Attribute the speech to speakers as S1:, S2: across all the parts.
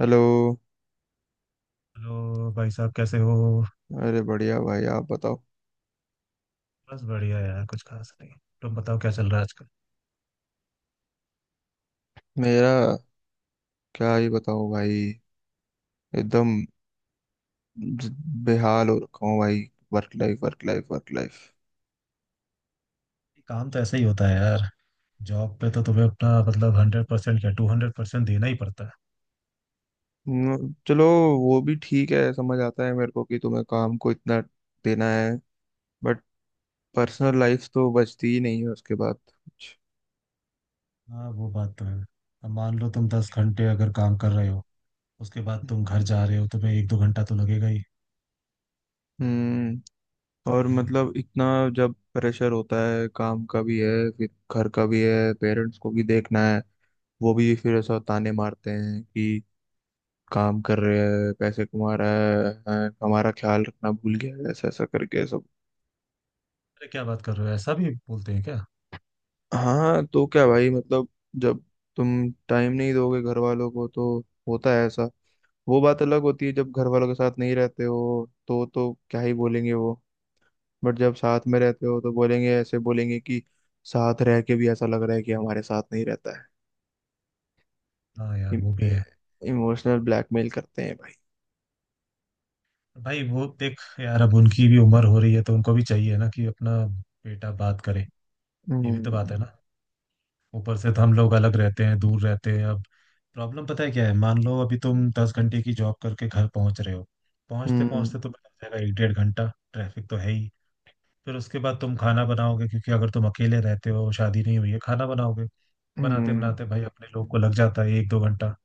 S1: Hello.
S2: Hello भाई साहब कैसे हो।
S1: अरे, बढ़िया भाई, आप बताओ।
S2: बस बढ़िया यार कुछ खास नहीं। तुम बताओ क्या चल रहा है आजकल।
S1: मेरा क्या ही बताओ भाई। एकदम ज- बेहाल हो रखा हूँ भाई। Work life, work life, work life.
S2: काम तो ऐसा ही होता है यार। जॉब पे तो तुम्हें अपना मतलब 100% क्या 200% देना ही पड़ता है।
S1: चलो, वो भी ठीक है, समझ आता है मेरे को कि तुम्हें काम को इतना देना है, बट पर्सनल लाइफ तो बचती ही नहीं है उसके बाद कुछ।
S2: हाँ वो बात तो है। अब मान लो तुम 10 घंटे अगर काम कर रहे हो। उसके बाद तुम घर जा रहे हो तुम्हें एक दो घंटा तो लगेगा ही
S1: हम्म। और
S2: भाई।
S1: मतलब इतना जब प्रेशर होता है काम का भी है, फिर घर का भी है, पेरेंट्स को भी देखना है। वो भी फिर ऐसा ताने मारते हैं कि काम कर रहे हैं, पैसे कमा रहा है हैं, हमारा ख्याल रखना भूल गया है, ऐसा ऐसा करके सब।
S2: अरे क्या बात कर रहे हो ऐसा भी बोलते हैं क्या?
S1: हाँ, तो क्या भाई, मतलब जब तुम टाइम नहीं दोगे घर वालों को, तो होता है ऐसा। वो बात अलग होती है जब घर वालों के साथ नहीं रहते हो, तो क्या ही बोलेंगे वो। बट जब साथ में रहते हो तो बोलेंगे, ऐसे बोलेंगे कि साथ रह के भी ऐसा लग रहा है कि हमारे साथ नहीं रहता
S2: हाँ यार वो भी
S1: है।
S2: है।
S1: इमोशनल ब्लैकमेल करते हैं भाई।
S2: भाई वो देख यार अब उनकी भी उम्र हो रही है तो उनको भी चाहिए ना कि अपना बेटा बात करे। ये भी तो बात
S1: हम्म।
S2: है ना। ऊपर से तो हम लोग अलग रहते हैं दूर रहते हैं। अब प्रॉब्लम पता है क्या है, मान लो अभी तुम 10 घंटे की जॉब करके घर पहुंच रहे हो। पहुंचते
S1: हम्म।
S2: पहुंचते तुम्हें लग जाएगा एक डेढ़ घंटा। ट्रैफिक तो है ही। फिर उसके बाद तुम खाना बनाओगे क्योंकि अगर तुम अकेले रहते हो शादी नहीं हुई है खाना बनाओगे। बनाते
S1: हम्म।
S2: बनाते भाई अपने लोग को लग जाता है एक दो घंटा।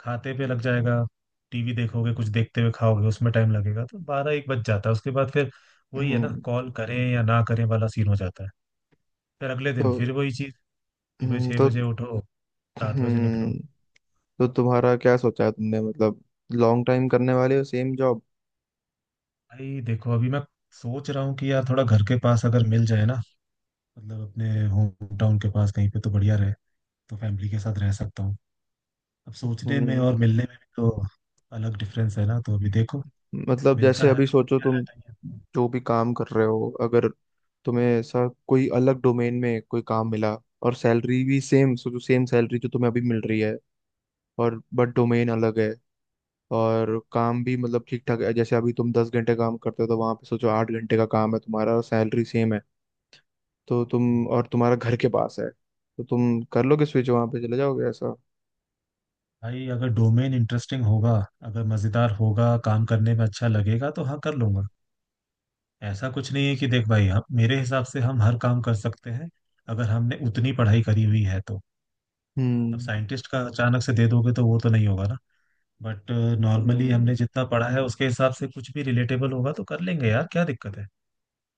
S2: खाते पे लग जाएगा। टीवी देखोगे कुछ देखते हुए खाओगे उसमें टाइम लगेगा तो बारह एक बज जाता है उसके बाद फिर वही है ना
S1: हम्म,
S2: कॉल करें या ना करें वाला सीन हो जाता है। फिर अगले
S1: तो
S2: दिन फिर वही चीज। सुबह छह
S1: तो
S2: बजे उठो। 7 बजे निकलो।
S1: हम्म। तो तुम्हारा क्या सोचा है तुमने, मतलब लॉन्ग टाइम करने वाले हो सेम जॉब?
S2: भाई देखो अभी मैं सोच रहा हूँ कि यार थोड़ा घर के पास अगर मिल जाए ना, मतलब अपने होम टाउन के पास कहीं पे तो बढ़िया रहे। तो फैमिली के साथ रह सकता हूँ। अब सोचने में
S1: हम्म।
S2: और मिलने में भी तो अलग डिफरेंस है ना, तो अभी देखो
S1: मतलब
S2: मिलता
S1: जैसे
S2: है
S1: अभी
S2: तो
S1: सोचो,
S2: बढ़िया है
S1: तुम
S2: नहीं है तो-
S1: जो भी काम कर रहे हो, अगर तुम्हें ऐसा कोई अलग डोमेन में कोई काम मिला और सैलरी भी सेम, सोचो सेम सैलरी जो तुम्हें अभी मिल रही है, और बट डोमेन अलग है और काम भी मतलब ठीक ठाक है। जैसे अभी तुम 10 घंटे काम करते हो, तो वहां पे सोचो 8 घंटे का काम है तुम्हारा और सैलरी सेम है। तो तुम, और तुम्हारा घर के पास है, तो तुम कर लोगे स्विच, वहां पे चले जाओगे ऐसा?
S2: भाई अगर डोमेन इंटरेस्टिंग होगा, अगर मजेदार होगा, काम करने में अच्छा लगेगा तो हाँ कर लूंगा। ऐसा कुछ नहीं है कि देख भाई, हम मेरे हिसाब से हम हर काम कर सकते हैं अगर हमने उतनी पढ़ाई करी हुई है तो। अब
S1: हम्म।
S2: साइंटिस्ट का अचानक से दे दोगे तो वो तो नहीं होगा ना। बट नॉर्मली
S1: हम्म।
S2: हमने जितना पढ़ा है उसके हिसाब से कुछ भी रिलेटेबल होगा तो कर लेंगे यार, क्या दिक्कत है।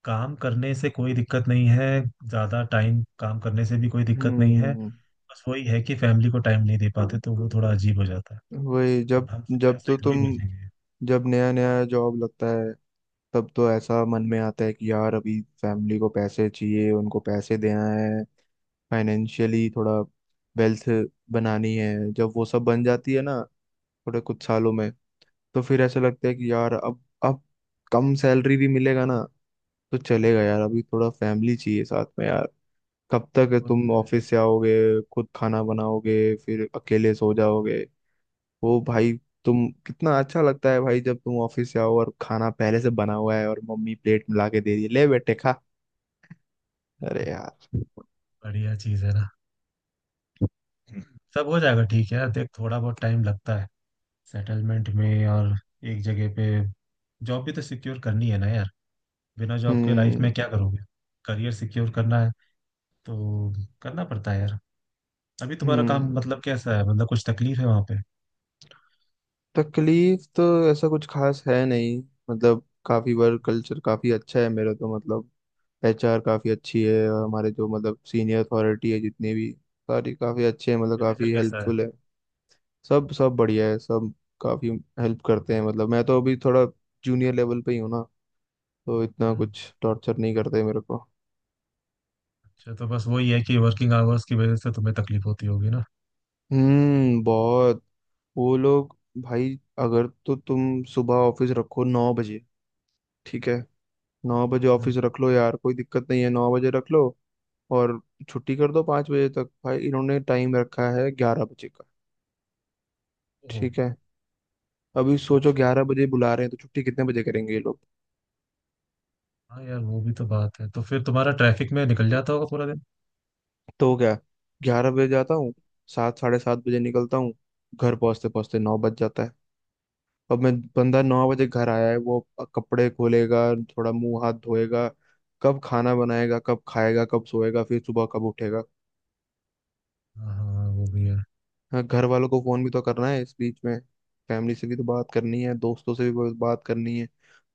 S2: काम करने से कोई दिक्कत नहीं है। ज्यादा टाइम काम करने से भी कोई दिक्कत नहीं है।
S1: हम्म,
S2: बस वही है कि फैमिली को टाइम नहीं दे पाते तो वो थोड़ा अजीब हो जाता है।
S1: वही जब
S2: अब हम सिर्फ
S1: जब
S2: पैसा
S1: तो
S2: ही
S1: तुम
S2: थोड़ी भेजेंगे।
S1: जब नया नया जॉब लगता है, तब तो ऐसा मन में आता है कि यार अभी फैमिली को पैसे चाहिए, उनको पैसे देना है, फाइनेंशियली थोड़ा वेल्थ बनानी है। जब वो सब बन जाती है ना, थोड़े कुछ सालों में, तो फिर ऐसा लगता है कि यार अब कम सैलरी भी मिलेगा ना, तो चलेगा यार, अभी थोड़ा फैमिली चाहिए साथ में। कब तक
S2: वो
S1: तुम ऑफिस से आओगे, खुद खाना बनाओगे, फिर अकेले सो जाओगे? वो भाई, तुम कितना अच्छा लगता है भाई जब तुम ऑफिस से आओ और खाना पहले से बना हुआ है और मम्मी प्लेट में ला के दे रही है, ले बेटे खा। अरे
S2: तो
S1: यार।
S2: बढ़िया चीज है ना। सब हो जाएगा, ठीक है यार देख थोड़ा बहुत टाइम लगता है सेटलमेंट में। और एक जगह पे जॉब भी तो सिक्योर करनी है ना यार। बिना जॉब के लाइफ में
S1: हम्म।
S2: क्या करोगे। करियर सिक्योर करना है। तो करना पड़ता है यार। अभी तुम्हारा काम
S1: हम्म।
S2: मतलब कैसा है, मतलब कुछ तकलीफ है वहां पे?
S1: तकलीफ तो ऐसा कुछ खास है नहीं। मतलब काफी, वर्क कल्चर काफी अच्छा है मेरा, तो मतलब एचआर काफी अच्छी है, और हमारे जो मतलब सीनियर अथॉरिटी है जितने भी, सारी काफी अच्छे हैं, मतलब
S2: मैनेजर
S1: काफी
S2: कैसा है?
S1: हेल्पफुल है। सब सब बढ़िया है सब। काफी हेल्प करते हैं, मतलब मैं तो अभी थोड़ा जूनियर लेवल पे ही हूँ ना, तो इतना
S2: हम्म।
S1: कुछ टॉर्चर नहीं करते मेरे को।
S2: अच्छा तो बस वही है कि वर्किंग आवर्स की वजह से तुम्हें तकलीफ होती होगी ना।
S1: हम्म, बहुत। वो लोग, भाई, अगर तो तुम सुबह ऑफिस रखो 9 बजे, ठीक है, 9 बजे
S2: हम्म।
S1: ऑफिस रख लो यार, कोई दिक्कत नहीं है, 9 बजे रख लो। और छुट्टी कर दो 5 बजे तक। भाई इन्होंने टाइम रखा है 11 बजे का।
S2: ओह।
S1: ठीक है, अभी सोचो
S2: अच्छा।
S1: 11 बजे बुला रहे हैं तो छुट्टी कितने बजे करेंगे ये लोग?
S2: हाँ यार वो भी तो बात है, तो फिर तुम्हारा ट्रैफिक में निकल जाता होगा पूरा दिन।
S1: तो क्या, 11 बजे जाता हूँ, 7 7:30 बजे निकलता हूँ, घर पहुँचते पहुँचते 9 बज जाता है। अब मैं बंदा 9 बजे घर आया है, वो कपड़े खोलेगा, थोड़ा मुंह हाथ धोएगा, कब खाना बनाएगा, कब खाएगा, कब सोएगा, फिर सुबह कब उठेगा?
S2: हाँ हाँ वो भी है।
S1: हाँ, घर वालों को फोन भी तो करना है इस बीच में, फैमिली से भी तो बात करनी है, दोस्तों से भी बहुत बात करनी है।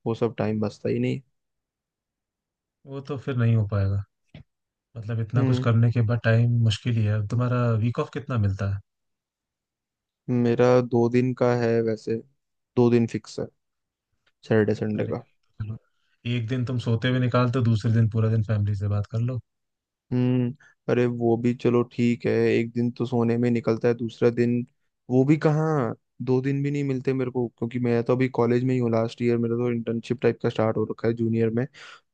S1: वो सब टाइम बचता ही नहीं।
S2: वो तो फिर नहीं हो पाएगा। मतलब इतना कुछ
S1: हम्म।
S2: करने के बाद टाइम मुश्किल ही है अब तुम्हारा। वीक ऑफ कितना मिलता है?
S1: मेरा 2 दिन का है वैसे, 2 दिन फिक्स है, सैटरडे संडे
S2: अरे
S1: का।
S2: चलो, एक दिन तुम सोते हुए निकालते हो, दूसरे दिन पूरा दिन फैमिली से बात कर लो।
S1: हम्म। अरे, वो भी चलो, ठीक है, एक दिन तो सोने में निकलता है, दूसरा दिन वो भी कहाँ? 2 दिन भी नहीं मिलते मेरे को, क्योंकि मैं तो अभी कॉलेज में ही हूँ, लास्ट ईयर मेरा, तो इंटर्नशिप टाइप का स्टार्ट हो रखा है जूनियर में।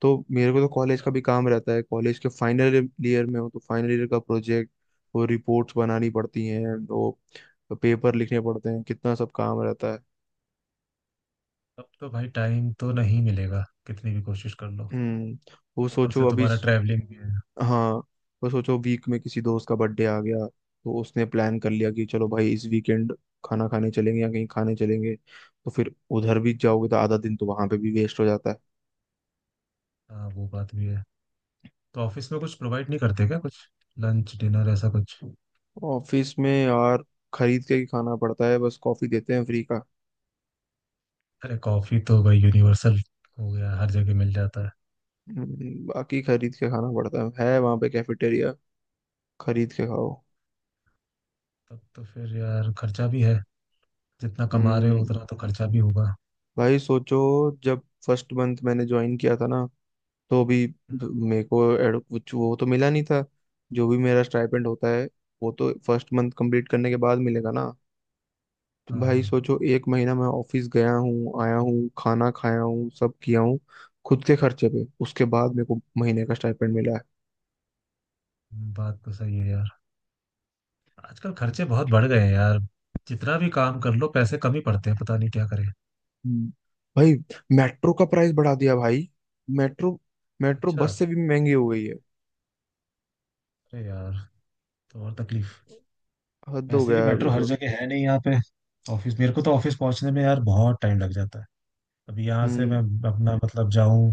S1: तो मेरे को तो कॉलेज का
S2: अच्छा।
S1: भी काम रहता है, कॉलेज के फाइनल ईयर में हो तो फाइनल ईयर का प्रोजेक्ट, वो रिपोर्ट्स बनानी पड़ती हैं, वो पेपर लिखने पड़ते हैं, कितना सब काम रहता है।
S2: अब तो भाई टाइम तो नहीं मिलेगा कितनी भी कोशिश कर लो।
S1: हम्म वो
S2: ऊपर
S1: सोचो
S2: से
S1: अभी।
S2: तुम्हारा ट्रैवलिंग भी है।
S1: हाँ, तो सोचो वीक में किसी दोस्त का बर्थडे आ गया, तो उसने प्लान कर लिया कि चलो भाई इस वीकेंड खाना खाने चलेंगे या कहीं खाने चलेंगे, तो फिर उधर भी जाओगे, तो आधा दिन तो वहां पे भी वेस्ट हो जाता है।
S2: हाँ वो बात भी है। तो ऑफिस में कुछ प्रोवाइड नहीं करते क्या, कुछ लंच डिनर ऐसा कुछ?
S1: ऑफिस में यार खरीद के ही खाना पड़ता है, बस कॉफी देते हैं फ्री का।
S2: अरे कॉफी तो भाई यूनिवर्सल हो गया, हर जगह मिल जाता है।
S1: बाकी खरीद के खाना पड़ता है वहां पे कैफेटेरिया, खरीद के खाओ।
S2: तब तो फिर यार खर्चा भी है, जितना कमा रहे हो
S1: हम्म।
S2: उतना तो खर्चा भी होगा।
S1: भाई सोचो, जब फर्स्ट मंथ मैंने ज्वाइन किया था ना, तो अभी मेरे को कुछ वो तो मिला नहीं था, जो भी मेरा स्टाइपेंड होता है वो तो फर्स्ट मंथ कंप्लीट करने के बाद मिलेगा ना। तो
S2: हाँ
S1: भाई
S2: हाँ
S1: सोचो, एक महीना मैं ऑफिस गया हूँ, आया हूँ, खाना खाया हूँ, सब किया हूँ खुद के खर्चे पे, उसके बाद मेरे को महीने का स्टाइपेंड मिला है।
S2: बात तो सही है यार। आजकल खर्चे बहुत बढ़ गए हैं यार। जितना भी काम कर लो पैसे कम ही पड़ते हैं, पता नहीं क्या करें।
S1: हम्म। भाई मेट्रो का प्राइस बढ़ा दिया भाई। मेट्रो मेट्रो
S2: अच्छा।
S1: बस से भी महंगी हो गई है।
S2: अरे यार, तो और तकलीफ।
S1: हद हो
S2: वैसे भी
S1: गया है अभी
S2: मेट्रो हर
S1: तो।
S2: जगह है नहीं यहाँ पे। ऑफिस मेरे को तो ऑफिस पहुंचने में यार बहुत टाइम लग जाता है। अभी यहाँ से मैं
S1: हम्म।
S2: अपना मतलब जाऊं,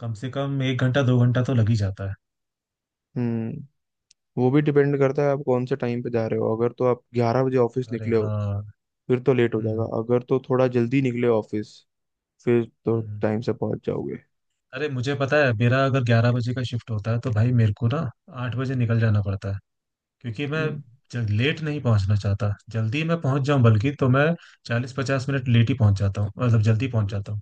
S2: कम से कम एक घंटा दो घंटा तो लग ही जाता है।
S1: हम्म। वो भी डिपेंड करता है आप कौन से टाइम पे जा रहे हो, अगर तो आप ग्यारह बजे ऑफिस
S2: अरे
S1: निकले हो
S2: हाँ।
S1: फिर तो लेट हो जाएगा,
S2: हम्म।
S1: अगर तो थोड़ा जल्दी निकले ऑफिस फिर तो
S2: हम्म।
S1: टाइम से पहुंच जाओगे।
S2: अरे मुझे पता है, मेरा अगर 11 बजे का शिफ्ट होता है तो भाई मेरे को ना 8 बजे निकल जाना पड़ता है, क्योंकि मैं
S1: हम्म।
S2: लेट नहीं पहुंचना चाहता, जल्दी मैं पहुंच जाऊं, बल्कि तो मैं 40 50 मिनट लेट ही पहुंच जाता हूँ, मतलब जल्दी पहुंच जाता हूँ।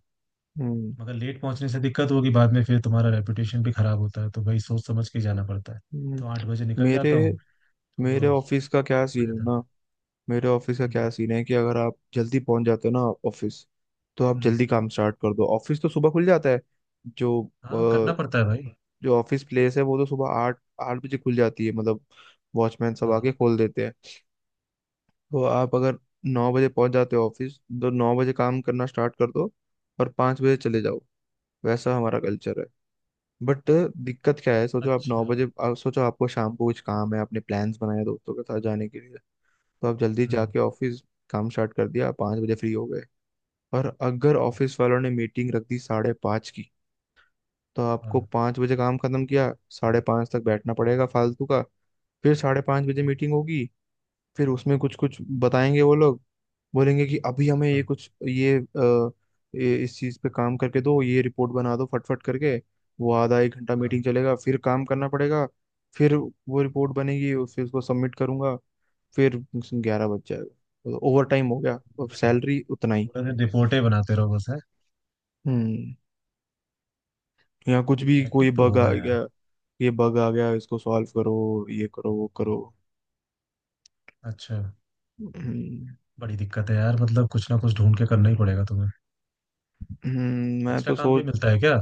S1: हम्म।
S2: मगर लेट पहुंचने से दिक्कत होगी बाद में, फिर तुम्हारा रेपुटेशन भी खराब होता है तो भाई सोच समझ के जाना पड़ता है।
S1: हम्म।
S2: तो 8 बजे निकल
S1: मेरे
S2: जाता हूँ।
S1: मेरे
S2: तो
S1: ऑफिस
S2: बच
S1: का क्या
S2: में
S1: सीन है
S2: जाता
S1: ना?
S2: है।
S1: मेरे ऑफिस का क्या
S2: हम्म।
S1: सीन है कि अगर आप जल्दी पहुंच जाते हो ना ऑफिस, तो आप
S2: हम्म।
S1: जल्दी काम स्टार्ट कर दो, ऑफिस तो सुबह खुल जाता है। जो
S2: हाँ
S1: अ,
S2: करना पड़ता है भाई।
S1: जो ऑफिस प्लेस है वो तो सुबह 8-8 बजे खुल जाती है, मतलब वॉचमैन सब
S2: हाँ हाँ।
S1: आके खोल देते हैं। तो आप अगर 9 बजे पहुंच जाते हो ऑफिस, तो 9 बजे काम करना स्टार्ट कर दो और 5 बजे चले जाओ, वैसा हमारा कल्चर है। बट दिक्कत क्या है, सोचो आप नौ
S2: अच्छा।
S1: बजे आप सोचो आपको शाम को कुछ काम है, आपने प्लान्स बनाए दोस्तों के साथ जाने के लिए, तो आप जल्दी
S2: हम्म।
S1: जाके ऑफिस काम स्टार्ट कर दिया, आप 5 बजे फ्री हो गए। और अगर ऑफिस वालों ने मीटिंग रख दी 5:30 की, तो आपको
S2: हाँ।
S1: 5 बजे काम खत्म किया, 5:30 तक बैठना पड़ेगा फालतू का। फिर 5:30 बजे मीटिंग होगी, फिर उसमें कुछ कुछ बताएंगे वो लोग, बोलेंगे कि अभी हमें ये
S2: हाँ।
S1: कुछ ये, अ, ये इस चीज पे काम करके दो, ये रिपोर्ट बना दो फटफट करके। वो आधा एक घंटा
S2: हाँ।
S1: मीटिंग चलेगा, फिर काम करना पड़ेगा, फिर वो रिपोर्ट बनेगी और फिर उसको सबमिट करूंगा, फिर 11 बज जाएगा, ओवर टाइम हो गया और सैलरी उतना ही।
S2: पूरा दिन रिपोर्टें बनाते रहो बस है।
S1: हम्म। यहाँ कुछ भी कोई
S2: हेक्टिक तो
S1: बग आ
S2: होगा यार।
S1: गया, ये बग आ गया इसको सॉल्व करो, ये करो वो करो।
S2: अच्छा।
S1: हम्म।
S2: बड़ी दिक्कत है यार, मतलब कुछ ना कुछ ढूंढ के करना ही पड़ेगा तुम्हें।
S1: मैं
S2: एक्स्ट्रा
S1: तो
S2: काम भी
S1: सोच
S2: मिलता है क्या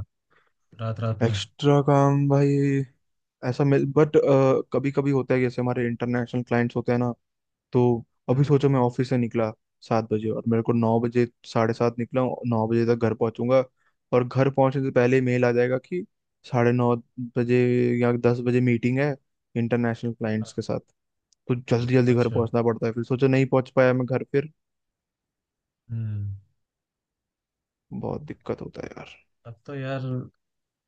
S2: रात रात में?
S1: एक्स्ट्रा काम भाई, ऐसा मिल, बट कभी कभी होता है, जैसे हमारे इंटरनेशनल क्लाइंट्स होते हैं ना। तो अभी
S2: हम्म।
S1: सोचो, मैं ऑफिस से निकला 7 बजे और मेरे को 9 बजे, साढ़े सात निकला हूँ, 9 बजे तक घर पहुंचूंगा, और घर पहुंचने से पहले मेल आ जाएगा कि 9:30 बजे या 10 बजे मीटिंग है इंटरनेशनल क्लाइंट्स
S2: हाँ।
S1: के साथ। तो जल्दी जल्दी घर
S2: अच्छा।
S1: पहुंचना पड़ता है, फिर सोचो नहीं पहुंच पाया मैं घर, फिर
S2: हम्म।
S1: बहुत दिक्कत होता है यार।
S2: अब तो यार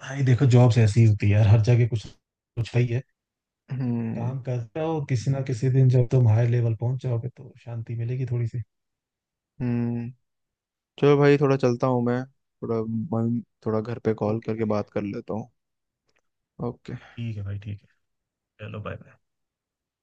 S2: भाई देखो जॉब्स ऐसी होती है यार, हर जगह कुछ कुछ है ही है।
S1: हम्म।
S2: काम करते हो किसी ना किसी दिन जब तुम हायर लेवल पहुंच जाओगे तो शांति मिलेगी थोड़ी सी।
S1: हम्म। चलो भाई थोड़ा चलता हूँ मैं, थोड़ा मम्मी, थोड़ा घर पे कॉल
S2: ओके
S1: करके
S2: भाई।
S1: बात कर लेता हूँ। ओके।
S2: ठीक है भाई ठीक है। चलो बाय।